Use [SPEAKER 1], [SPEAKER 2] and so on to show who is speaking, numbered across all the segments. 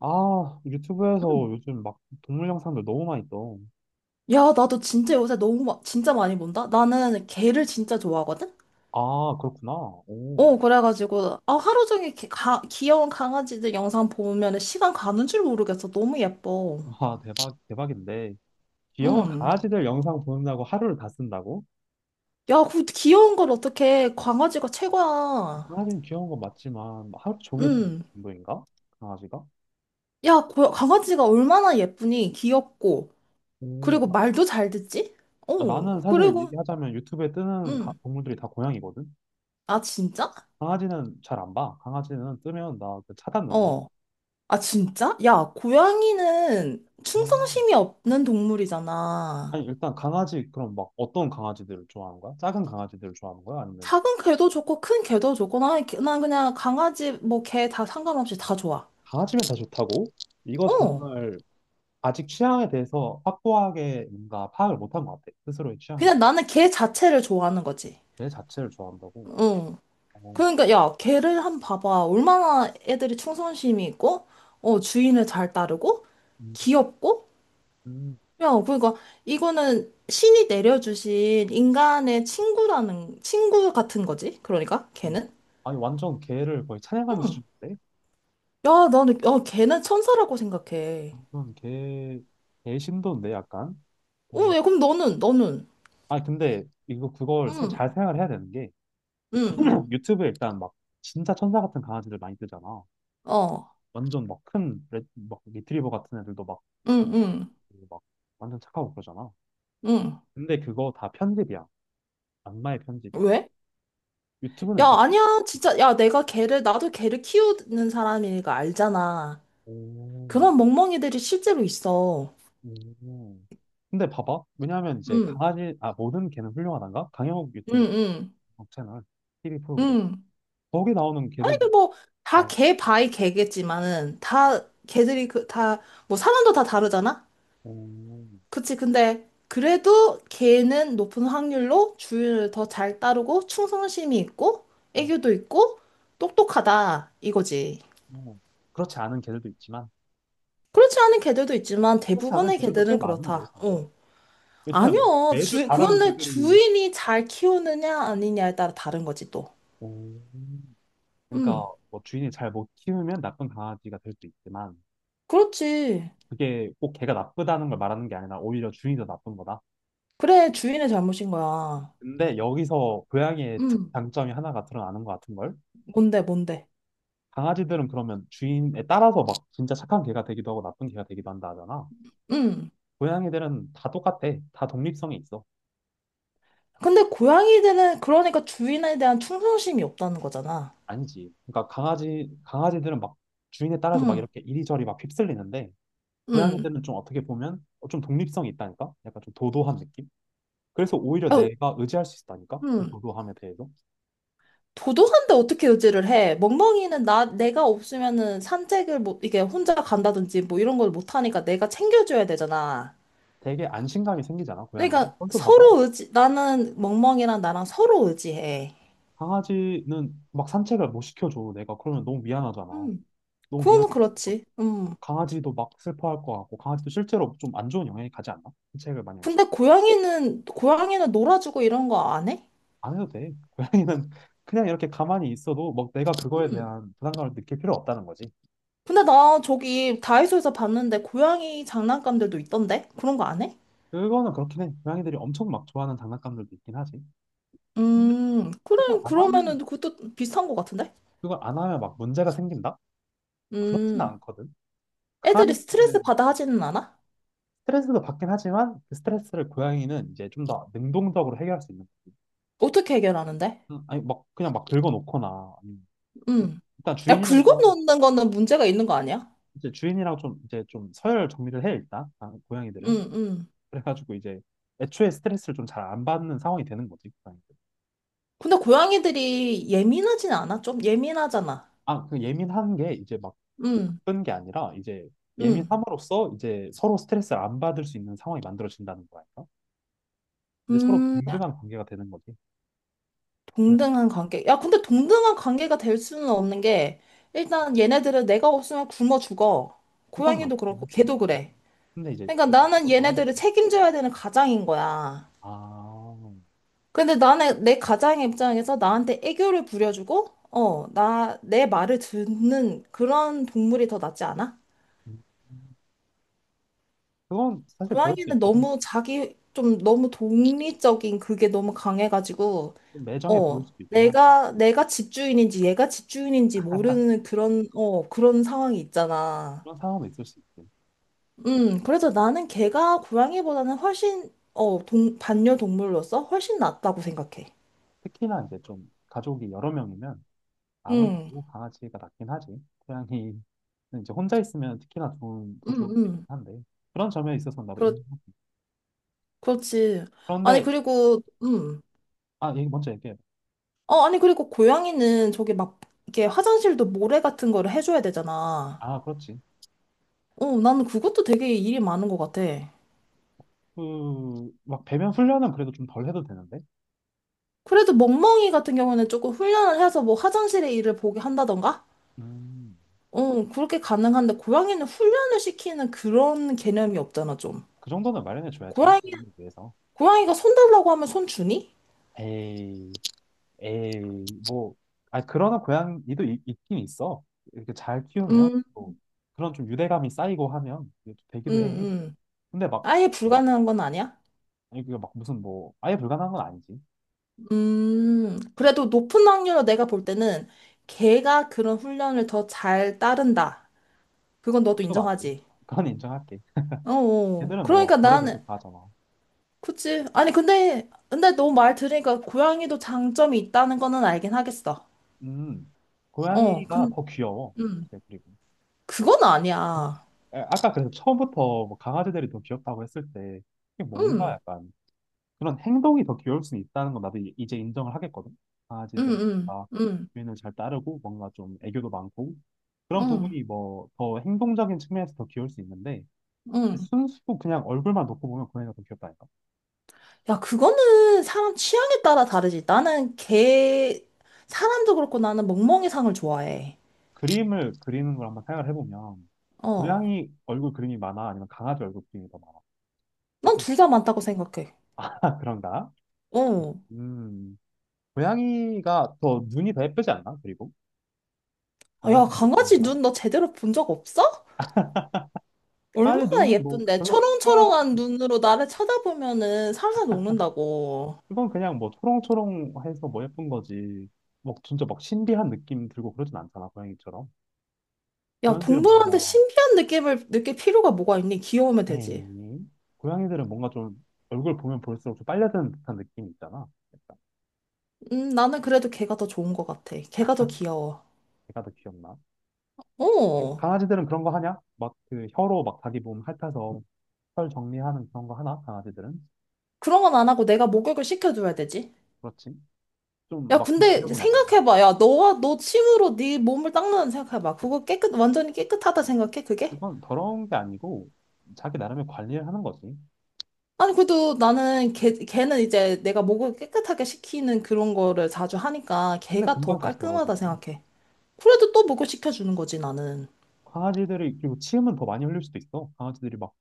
[SPEAKER 1] 아, 유튜브에서
[SPEAKER 2] 음.
[SPEAKER 1] 요즘 막 동물 영상들 너무 많이 떠.
[SPEAKER 2] 야, 나도 진짜 요새 너무 진짜 많이 본다. 나는 개를 진짜 좋아하거든.
[SPEAKER 1] 아, 그렇구나. 오.
[SPEAKER 2] 그래가지고 하루 종일 귀여운 강아지들 영상 보면 시간 가는 줄 모르겠어. 너무 예뻐.
[SPEAKER 1] 와, 대박, 대박인데. 귀여운
[SPEAKER 2] 음.
[SPEAKER 1] 강아지들 영상 보는다고 하루를 다 쓴다고?
[SPEAKER 2] 야, 그 귀여운 걸 어떻게 강아지가 최고야.
[SPEAKER 1] 강아지는 귀여운 건 맞지만, 하루 종일 보는
[SPEAKER 2] 음.
[SPEAKER 1] 정도인가? 강아지가?
[SPEAKER 2] 야, 강아지가 얼마나 예쁘니? 귀엽고
[SPEAKER 1] 오,
[SPEAKER 2] 그리고
[SPEAKER 1] 나,
[SPEAKER 2] 말도 잘 듣지? 어.
[SPEAKER 1] 나는 사실
[SPEAKER 2] 그리고
[SPEAKER 1] 얘기하자면 유튜브에 뜨는
[SPEAKER 2] 음.
[SPEAKER 1] 동물들이 다 고양이거든?
[SPEAKER 2] 아 진짜?
[SPEAKER 1] 강아지는 잘 안 봐. 강아지는 뜨면 나 그 차단 눌러.
[SPEAKER 2] 어. 아, 진짜? 야, 고양이는
[SPEAKER 1] 오.
[SPEAKER 2] 충성심이 없는 동물이잖아.
[SPEAKER 1] 아니, 일단 강아지, 그럼 막 어떤 강아지들을 좋아하는 거야? 작은 강아지들을 좋아하는 거야? 아니면
[SPEAKER 2] 작은 개도 좋고, 큰 개도 좋고, 난 그냥 강아지, 뭐, 개 다 상관없이 다 좋아.
[SPEAKER 1] 강아지면 다 좋다고? 이거
[SPEAKER 2] 어.
[SPEAKER 1] 정말 아직 취향에 대해서 확고하게 뭔가 파악을 못한 것 같아. 스스로의 취향에
[SPEAKER 2] 그냥 나는 개 자체를 좋아하는 거지.
[SPEAKER 1] 대해. 개 자체를 좋아한다고?
[SPEAKER 2] 응.
[SPEAKER 1] 어,
[SPEAKER 2] 그러니까, 야, 개를 한번 봐봐. 얼마나 애들이 충성심이 있고, 어, 주인을 잘 따르고,
[SPEAKER 1] 음,
[SPEAKER 2] 귀엽고,
[SPEAKER 1] 음,
[SPEAKER 2] 야, 그러니까, 이거는 신이 내려주신 인간의 친구라는, 친구 같은 거지. 그러니까,
[SPEAKER 1] 음.
[SPEAKER 2] 개는.
[SPEAKER 1] 아니, 완전 개를 거의 찬양하는
[SPEAKER 2] 응.
[SPEAKER 1] 수준인데?
[SPEAKER 2] 야, 야, 걔는 천사라고 생각해.
[SPEAKER 1] 이건 개, 개 신도인데, 약간?
[SPEAKER 2] 어,
[SPEAKER 1] 어,
[SPEAKER 2] 왜, 그럼 너는.
[SPEAKER 1] 아니, 근데 이거 그걸 잘
[SPEAKER 2] 응,
[SPEAKER 1] 생각을 해야 되는 게
[SPEAKER 2] 응,
[SPEAKER 1] 유튜브에 일단 막 진짜 천사 같은 강아지들 많이 뜨잖아.
[SPEAKER 2] 어,
[SPEAKER 1] 완전 막 큰, 막 리트리버 같은 애들도 막,
[SPEAKER 2] 응, 응,
[SPEAKER 1] 막 완전 착하고 그러잖아.
[SPEAKER 2] 응.
[SPEAKER 1] 근데 그거 다 편집이야. 악마의 편집이야.
[SPEAKER 2] 왜?
[SPEAKER 1] 유튜브는
[SPEAKER 2] 야,
[SPEAKER 1] 일단
[SPEAKER 2] 아니야, 진짜. 야, 내가 걔를, 나도 걔를 키우는 사람이니까 알잖아.
[SPEAKER 1] 오, 오.
[SPEAKER 2] 그런 멍멍이들이 실제로 있어.
[SPEAKER 1] 음. 근데 봐봐. 왜냐하면 이제
[SPEAKER 2] 응,
[SPEAKER 1] 강아지, 아, 모든 개는 훌륭하단가? 강형욱
[SPEAKER 2] 응,
[SPEAKER 1] 유튜브
[SPEAKER 2] 응,
[SPEAKER 1] 채널, TV 프로그램.
[SPEAKER 2] 응.
[SPEAKER 1] 거기 나오는
[SPEAKER 2] 아니,
[SPEAKER 1] 개들도
[SPEAKER 2] 그 뭐, 다
[SPEAKER 1] 많아.
[SPEAKER 2] 걔 바이 걔겠지만은, 다, 걔들이 그, 다, 뭐, 사람도 다 다르잖아?
[SPEAKER 1] 오,
[SPEAKER 2] 그치. 근데 그래도 걔는 높은 확률로 주인을 더 잘 따르고 충성심이 있고 애교도 있고 똑똑하다 이거지.
[SPEAKER 1] 오. 그렇지 않은 개들도 있지만,
[SPEAKER 2] 그렇지 않은 개들도 있지만
[SPEAKER 1] 그렇지 않은
[SPEAKER 2] 대부분의
[SPEAKER 1] 개들도 꽤
[SPEAKER 2] 개들은
[SPEAKER 1] 많은데,
[SPEAKER 2] 그렇다.
[SPEAKER 1] 근데.
[SPEAKER 2] 어.
[SPEAKER 1] 왜냐면
[SPEAKER 2] 아니요.
[SPEAKER 1] 매주 다른
[SPEAKER 2] 그건 내
[SPEAKER 1] 개들이.
[SPEAKER 2] 주인이 잘 키우느냐 아니냐에 따라 다른 거지 또.
[SPEAKER 1] 오.
[SPEAKER 2] 음.
[SPEAKER 1] 그러니까 뭐 주인이 잘 못 키우면 나쁜 강아지가 될 수도 있지만,
[SPEAKER 2] 그렇지.
[SPEAKER 1] 그게 꼭 개가 나쁘다는 걸 말하는 게 아니라 오히려 주인이 더 나쁜 거다.
[SPEAKER 2] 그래. 주인의 잘못인 거야.
[SPEAKER 1] 근데 여기서 고양이의 특
[SPEAKER 2] 음.
[SPEAKER 1] 장점이 하나가 드러나는 것 같은 걸?
[SPEAKER 2] 뭔데 뭔데.
[SPEAKER 1] 강아지들은 그러면 주인에 따라서 막 진짜 착한 개가 되기도 하고 나쁜 개가 되기도 한다 하잖아.
[SPEAKER 2] 음.
[SPEAKER 1] 고양이들은 다 똑같아. 다 독립성이 있어.
[SPEAKER 2] 근데 고양이들은 그러니까 주인에 대한 충성심이 없다는 거잖아.
[SPEAKER 1] 아니지. 그러니까 강아지들은 막 주인에 따라서 막
[SPEAKER 2] 음.
[SPEAKER 1] 이렇게 이리저리 막 휩쓸리는데
[SPEAKER 2] 음.
[SPEAKER 1] 고양이들은 좀 어떻게 보면 좀 독립성이 있다니까? 약간 좀 도도한 느낌? 그래서 오히려
[SPEAKER 2] 어,
[SPEAKER 1] 내가 의지할 수 있다니까? 그
[SPEAKER 2] 음.
[SPEAKER 1] 도도함에 대해서.
[SPEAKER 2] 도도한데 어떻게 의지를 해? 멍멍이는 내가 없으면은 산책을 못, 이게 혼자 간다든지 뭐 이런 걸 못하니까 내가 챙겨줘야 되잖아.
[SPEAKER 1] 되게 안심감이 생기잖아, 고양이는.
[SPEAKER 2] 그러니까
[SPEAKER 1] 벌써 봐봐.
[SPEAKER 2] 서로 의지, 나는 멍멍이랑 나랑 서로 의지해.
[SPEAKER 1] 강아지는 막 산책을 못 시켜줘, 내가. 그러면 너무 미안하잖아.
[SPEAKER 2] 음.
[SPEAKER 1] 너무
[SPEAKER 2] 그건
[SPEAKER 1] 미안하
[SPEAKER 2] 그렇지. 음.
[SPEAKER 1] 강아지도 막 슬퍼할 것 같고, 강아지도 실제로 좀 안 좋은 영향이 가지 않나? 산책을 많이 안
[SPEAKER 2] 근데
[SPEAKER 1] 시켜.
[SPEAKER 2] 고양이는 놀아주고 이런 거 안 해?
[SPEAKER 1] 안 해도 돼. 고양이는 그냥 이렇게 가만히 있어도 막 내가 그거에
[SPEAKER 2] 음.
[SPEAKER 1] 대한 부담감을 느낄 필요 없다는 거지.
[SPEAKER 2] 근데 나 저기 다이소에서 봤는데 고양이 장난감들도 있던데? 그런 거 안 해?
[SPEAKER 1] 그거는 그렇긴 해. 고양이들이 엄청 막 좋아하는 장난감들도 있긴 하지. 근데
[SPEAKER 2] 음.
[SPEAKER 1] 그걸
[SPEAKER 2] 그래,
[SPEAKER 1] 안
[SPEAKER 2] 그러면은
[SPEAKER 1] 하면,
[SPEAKER 2] 그것도 비슷한 거 같은데?
[SPEAKER 1] 그걸 안 하면 막 문제가 생긴다? 그렇진
[SPEAKER 2] 음.
[SPEAKER 1] 않거든.
[SPEAKER 2] 애들이
[SPEAKER 1] 강아지인데
[SPEAKER 2] 스트레스 받아 하지는 않아?
[SPEAKER 1] 스트레스도 받긴 하지만 그 스트레스를 고양이는 이제 좀 더 능동적으로 해결할 수 있는
[SPEAKER 2] 어떻게 해결하는데?
[SPEAKER 1] 응, 아니 막 그냥 막 들고 놓거나 아니면 좀-
[SPEAKER 2] 음.
[SPEAKER 1] 일단
[SPEAKER 2] 야,
[SPEAKER 1] 주인이랑 좀
[SPEAKER 2] 긁어놓는 거는 문제가 있는 거 아니야?
[SPEAKER 1] 이제 주인이랑 좀 이제 좀 서열 정리를 해 일단 아, 고양이들은
[SPEAKER 2] 응응.
[SPEAKER 1] 그래가지고 이제 애초에 스트레스를 좀 잘 안 받는 상황이 되는 거지 고양이들
[SPEAKER 2] 근데 고양이들이 예민하진 않아? 좀 예민하잖아.
[SPEAKER 1] 아그 예민한 게 이제 막
[SPEAKER 2] 응응.
[SPEAKER 1] 나쁜 게 아니라 이제 예민함으로써 이제 서로 스트레스를 안 받을 수 있는 상황이 만들어진다는 거야 이제 서로
[SPEAKER 2] 음,
[SPEAKER 1] 동등한 관계가 되는 거지 고양
[SPEAKER 2] 동등한 관계. 야, 근데 동등한 관계가 될 수는 없는 게, 일단 얘네들은 내가 없으면 굶어 죽어.
[SPEAKER 1] 그건
[SPEAKER 2] 고양이도
[SPEAKER 1] 맞긴
[SPEAKER 2] 그렇고,
[SPEAKER 1] 하지
[SPEAKER 2] 걔도 그래.
[SPEAKER 1] 근데 이제
[SPEAKER 2] 그러니까
[SPEAKER 1] 그
[SPEAKER 2] 나는
[SPEAKER 1] 너랑
[SPEAKER 2] 얘네들을 책임져야 되는 가장인 거야.
[SPEAKER 1] 아
[SPEAKER 2] 근데 나는 내 가장 입장에서 나한테 애교를 부려주고, 내 말을 듣는 그런 동물이 더 낫지 않아?
[SPEAKER 1] 음. 그건 사실 그럴 수도
[SPEAKER 2] 고양이는
[SPEAKER 1] 있긴
[SPEAKER 2] 너무 자기, 좀 너무 독립적인 그게 너무 강해가지고,
[SPEAKER 1] 해좀 매정해 보일
[SPEAKER 2] 어,
[SPEAKER 1] 수도 있긴 하지
[SPEAKER 2] 내가 집주인인지 얘가 집주인인지 모르는 그런, 어, 그런 상황이 있잖아.
[SPEAKER 1] 그런 상황도 있을 수 있지. 특-
[SPEAKER 2] 그래서 나는 걔가 고양이보다는 훨씬, 반려동물로서 훨씬 낫다고 생각해.
[SPEAKER 1] 특히나 이제 좀 가족이 여러 명이면
[SPEAKER 2] 음,
[SPEAKER 1] 아무래도 강아지가 낫긴 하지. 고양이는 이제 혼자 있으면 특히나 좋은, 더
[SPEAKER 2] 음,
[SPEAKER 1] 좋을 수 있긴
[SPEAKER 2] 음.
[SPEAKER 1] 한데. 그런 점에 있어서는 나도 인정.
[SPEAKER 2] 그렇지. 아니,
[SPEAKER 1] 그런데,
[SPEAKER 2] 그리고,
[SPEAKER 1] 아, 얘기 먼저 얘기해.
[SPEAKER 2] 어, 아니, 그리고 고양이는 이렇게 화장실도 모래 같은 거를 해줘야 되잖아.
[SPEAKER 1] 아, 그렇지.
[SPEAKER 2] 어, 나는 그것도 되게 일이 많은 것 같아.
[SPEAKER 1] 그, 막 배변 훈련은 그래도 좀 덜 해도 되는데.
[SPEAKER 2] 그래도 멍멍이 같은 경우는 조금 훈련을 해서 뭐 화장실의 일을 보게 한다던가?
[SPEAKER 1] 음,
[SPEAKER 2] 어, 그렇게 가능한데, 고양이는 훈련을 시키는 그런 개념이 없잖아, 좀.
[SPEAKER 1] 그 정도는 마련해 줘야지.
[SPEAKER 2] 고양이,
[SPEAKER 1] 위해서.
[SPEAKER 2] 고양이가 손 달라고 하면 손 주니?
[SPEAKER 1] 에이. 에이, 뭐, 아, 그러나 고양이도 있, 긴 있어. 이렇게 잘 키우면,
[SPEAKER 2] 음,
[SPEAKER 1] 또 그런 좀 유대감이 쌓이고 하면 이게 또
[SPEAKER 2] 음,
[SPEAKER 1] 되기도 해.
[SPEAKER 2] 음.
[SPEAKER 1] 근데 막,
[SPEAKER 2] 아예
[SPEAKER 1] 뭐,
[SPEAKER 2] 불가능한 건 아니야?
[SPEAKER 1] 아니, 그게 막 무슨 뭐, 아예 불가능한 건 아니지.
[SPEAKER 2] 그래도 높은 확률로 내가 볼 때는 걔가 그런 훈련을 더 잘 따른다. 그건 너도
[SPEAKER 1] 그것도 맞지.
[SPEAKER 2] 인정하지?
[SPEAKER 1] 그건 인정할게.
[SPEAKER 2] 어, 어.
[SPEAKER 1] 걔들은 뭐,
[SPEAKER 2] 그러니까
[SPEAKER 1] 별의별
[SPEAKER 2] 나는,
[SPEAKER 1] 거다 하잖아.
[SPEAKER 2] 그치. 아니, 근데, 근데 너 말 들으니까 고양이도 장점이 있다는 거는 알긴 하겠어.
[SPEAKER 1] 음,
[SPEAKER 2] 어,
[SPEAKER 1] 고양이가
[SPEAKER 2] 근,
[SPEAKER 1] 더 귀여워.
[SPEAKER 2] 음,
[SPEAKER 1] 사실, 그리고.
[SPEAKER 2] 그건 아니야.
[SPEAKER 1] 아, 아까 그래서 처음부터 뭐 강아지들이 더 귀엽다고 했을 때, 이게 뭔가
[SPEAKER 2] 음,
[SPEAKER 1] 약간 그런 행동이 더 귀여울 수는 있다는 건 나도 이제 인정을 하겠거든.
[SPEAKER 2] 음,
[SPEAKER 1] 강아지들은
[SPEAKER 2] 음,
[SPEAKER 1] 다
[SPEAKER 2] 음,
[SPEAKER 1] 주인을 잘 따르고 뭔가 좀 애교도 많고 그런
[SPEAKER 2] 음,
[SPEAKER 1] 부분이 뭐 더 행동적인 측면에서 더 귀여울 수 있는데
[SPEAKER 2] 음.
[SPEAKER 1] 순수 그냥 얼굴만 놓고 보면 고양이가 더 귀엽다니까.
[SPEAKER 2] 야, 그거는 사람 취향에 따라 다르지. 나는 개 사람도 그렇고 나는 멍멍이상을 좋아해.
[SPEAKER 1] 그림을 그리는 걸 한번 생각을 해보면
[SPEAKER 2] 어.
[SPEAKER 1] 고양이 얼굴 그림이 많아 아니면 강아지 얼굴 그림이 더 많아?
[SPEAKER 2] 난
[SPEAKER 1] 어떻게
[SPEAKER 2] 둘 다 많다고 생각해.
[SPEAKER 1] 그런가?
[SPEAKER 2] 어.
[SPEAKER 1] 음 고양이가 더 눈이 더 예쁘지 않나? 그리고
[SPEAKER 2] 아, 야,
[SPEAKER 1] 강아지들
[SPEAKER 2] 강아지
[SPEAKER 1] 눈이나
[SPEAKER 2] 눈 너 제대로 본 적 없어?
[SPEAKER 1] 강아지
[SPEAKER 2] 얼마나
[SPEAKER 1] 눈은 뭐
[SPEAKER 2] 예쁜데.
[SPEAKER 1] 별로 특별한
[SPEAKER 2] 초롱초롱한 눈으로 나를 쳐다보면은 살살 녹는다고.
[SPEAKER 1] 이건 그냥 뭐 초롱초롱해서 뭐 예쁜 거지. 뭐 진짜 막 신비한 느낌 들고 그러진 않잖아, 고양이처럼.
[SPEAKER 2] 야,
[SPEAKER 1] 고양이들은
[SPEAKER 2] 동물한테
[SPEAKER 1] 뭔가,
[SPEAKER 2] 신비한 느낌을 느낄 필요가 뭐가 있니? 귀여우면 되지.
[SPEAKER 1] 에이. 고양이들은 뭔가 좀 얼굴 보면 볼수록 좀 빨려드는 듯한 느낌이 있잖아. 약간
[SPEAKER 2] 나는 그래도 걔가 더 좋은 것 같아. 걔가 더 귀여워.
[SPEAKER 1] 걔가 더 귀엽나?
[SPEAKER 2] 어.
[SPEAKER 1] 강아지들은 그런 거 하냐? 막 그 혀로 막 자기 몸 핥아서 털 정리하는 그런 거 하나? 강아지들은?
[SPEAKER 2] 그런 건 안 하고 내가 목욕을 시켜줘야 되지.
[SPEAKER 1] 그렇지. 좀
[SPEAKER 2] 야,
[SPEAKER 1] 막
[SPEAKER 2] 근데
[SPEAKER 1] 지저분하잖아.
[SPEAKER 2] 생각해봐. 야, 너와 너 침으로 네 몸을 닦는다 생각해봐. 그거 깨끗, 완전히 깨끗하다 생각해, 그게?
[SPEAKER 1] 그건 더러운 게 아니고 자기 나름의 관리를 하는 거지.
[SPEAKER 2] 아니, 그래도 나는 걔는 이제 내가 목을 깨끗하게 식히는 그런 거를 자주 하니까
[SPEAKER 1] 근데
[SPEAKER 2] 걔가
[SPEAKER 1] 금방
[SPEAKER 2] 더
[SPEAKER 1] 다시
[SPEAKER 2] 깔끔하다
[SPEAKER 1] 더러워지잖아.
[SPEAKER 2] 생각해. 그래도 또 목을 식혀주는 거지, 나는.
[SPEAKER 1] 강아지들이 그리고 침은 더 많이 흘릴 수도 있어. 강아지들이 막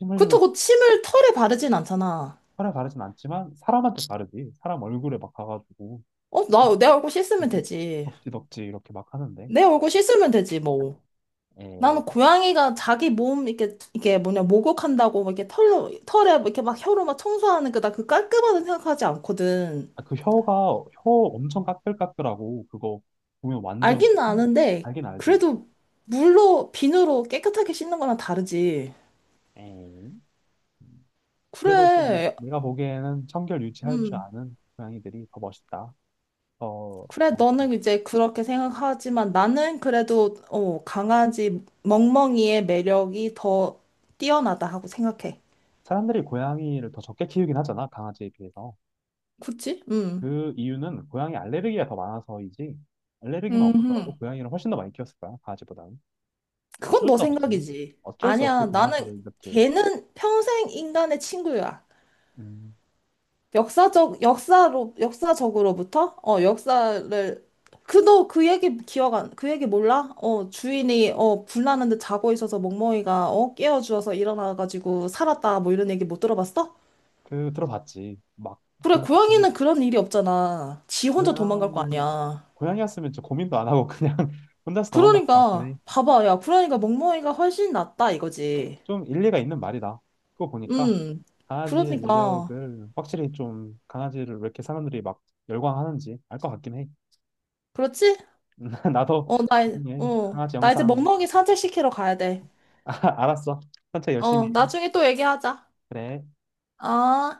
[SPEAKER 1] 침 흘리면
[SPEAKER 2] 그렇다고 침을 털에 바르진 않잖아.
[SPEAKER 1] 사에 가르진 않지만 사람한테 가르지. 사람 얼굴에 막 가가지고
[SPEAKER 2] 어, 내 얼굴 씻으면
[SPEAKER 1] 이렇게
[SPEAKER 2] 되지.
[SPEAKER 1] 덕지덕지 이렇게 막 하는데.
[SPEAKER 2] 내 얼굴 씻으면 되지, 뭐.
[SPEAKER 1] 에,
[SPEAKER 2] 나는 고양이가 자기 몸, 이렇게, 이게 뭐냐, 목욕한다고, 막 이렇게 털로, 털에 막 이렇게 막 혀로 막 청소하는 거나 그 깔끔하다 생각하지 않거든.
[SPEAKER 1] 아, 그 혀가 혀 엄청 까끌까끌하고 그거 보면 완전
[SPEAKER 2] 알기는
[SPEAKER 1] 참
[SPEAKER 2] 아는데,
[SPEAKER 1] 알긴 알지.
[SPEAKER 2] 그래도 물로, 비누로 깨끗하게 씻는 거랑 다르지.
[SPEAKER 1] 에이. 그래도 좀
[SPEAKER 2] 그래.
[SPEAKER 1] 내가 보기에는 청결 유지할 줄
[SPEAKER 2] 음.
[SPEAKER 1] 아는 고양이들이 더 멋있다.
[SPEAKER 2] 그래,
[SPEAKER 1] 뭔가
[SPEAKER 2] 너는 이제 그렇게 생각하지만 나는 그래도 어, 강아지 멍멍이의 매력이 더 뛰어나다 하고 생각해.
[SPEAKER 1] 사람들이 고양이를 더 적게 키우긴 하잖아, 강아지에 비해서.
[SPEAKER 2] 그치? 음.
[SPEAKER 1] 그 이유는 고양이 알레르기가 더 많아서이지 알레르기만 없었더라도
[SPEAKER 2] 음.
[SPEAKER 1] 고양이를 훨씬 더 많이 키웠을 거야 강아지보다는
[SPEAKER 2] 그건
[SPEAKER 1] 어쩔 수
[SPEAKER 2] 너
[SPEAKER 1] 없이
[SPEAKER 2] 생각이지.
[SPEAKER 1] 어쩔 수 없이
[SPEAKER 2] 아니야, 나는
[SPEAKER 1] 강아지를 이렇게
[SPEAKER 2] 걔는 평생 인간의 친구야.
[SPEAKER 1] 음,
[SPEAKER 2] 역사적으로부터? 어, 역사를, 그, 너 그 얘기 기억 안, 그 얘기 몰라? 어, 주인이, 어, 불나는데 자고 있어서 멍멍이가, 어, 깨워주어서 일어나가지고 살았다, 뭐 이런 얘기 못 들어봤어?
[SPEAKER 1] 그 들어봤지 막
[SPEAKER 2] 그래,
[SPEAKER 1] 고양 강
[SPEAKER 2] 고양이는 그런 일이 없잖아. 지 혼자 도망갈 거
[SPEAKER 1] 고양이
[SPEAKER 2] 아니야.
[SPEAKER 1] 고양이였으면 저 고민도 안 하고 그냥 혼자서 도망갈 것 같긴
[SPEAKER 2] 그러니까,
[SPEAKER 1] 해.
[SPEAKER 2] 봐봐, 야, 그러니까 멍멍이가 훨씬 낫다, 이거지.
[SPEAKER 1] 좀 일리가 있는 말이다. 그거 보니까
[SPEAKER 2] 음,
[SPEAKER 1] 강아지의
[SPEAKER 2] 그러니까,
[SPEAKER 1] 매력을 확실히 좀 강아지를 왜 이렇게 사람들이 막 열광하는지 알 것 같긴 해.
[SPEAKER 2] 그렇지?
[SPEAKER 1] 나도
[SPEAKER 2] 어, 나,
[SPEAKER 1] 나중에
[SPEAKER 2] 어,
[SPEAKER 1] 강아지
[SPEAKER 2] 나 이제
[SPEAKER 1] 영상
[SPEAKER 2] 멍멍이 산책시키러 가야 돼.
[SPEAKER 1] 알았어. 천천히
[SPEAKER 2] 어,
[SPEAKER 1] 열심히.
[SPEAKER 2] 나중에 또 얘기하자.
[SPEAKER 1] 그래.
[SPEAKER 2] 어,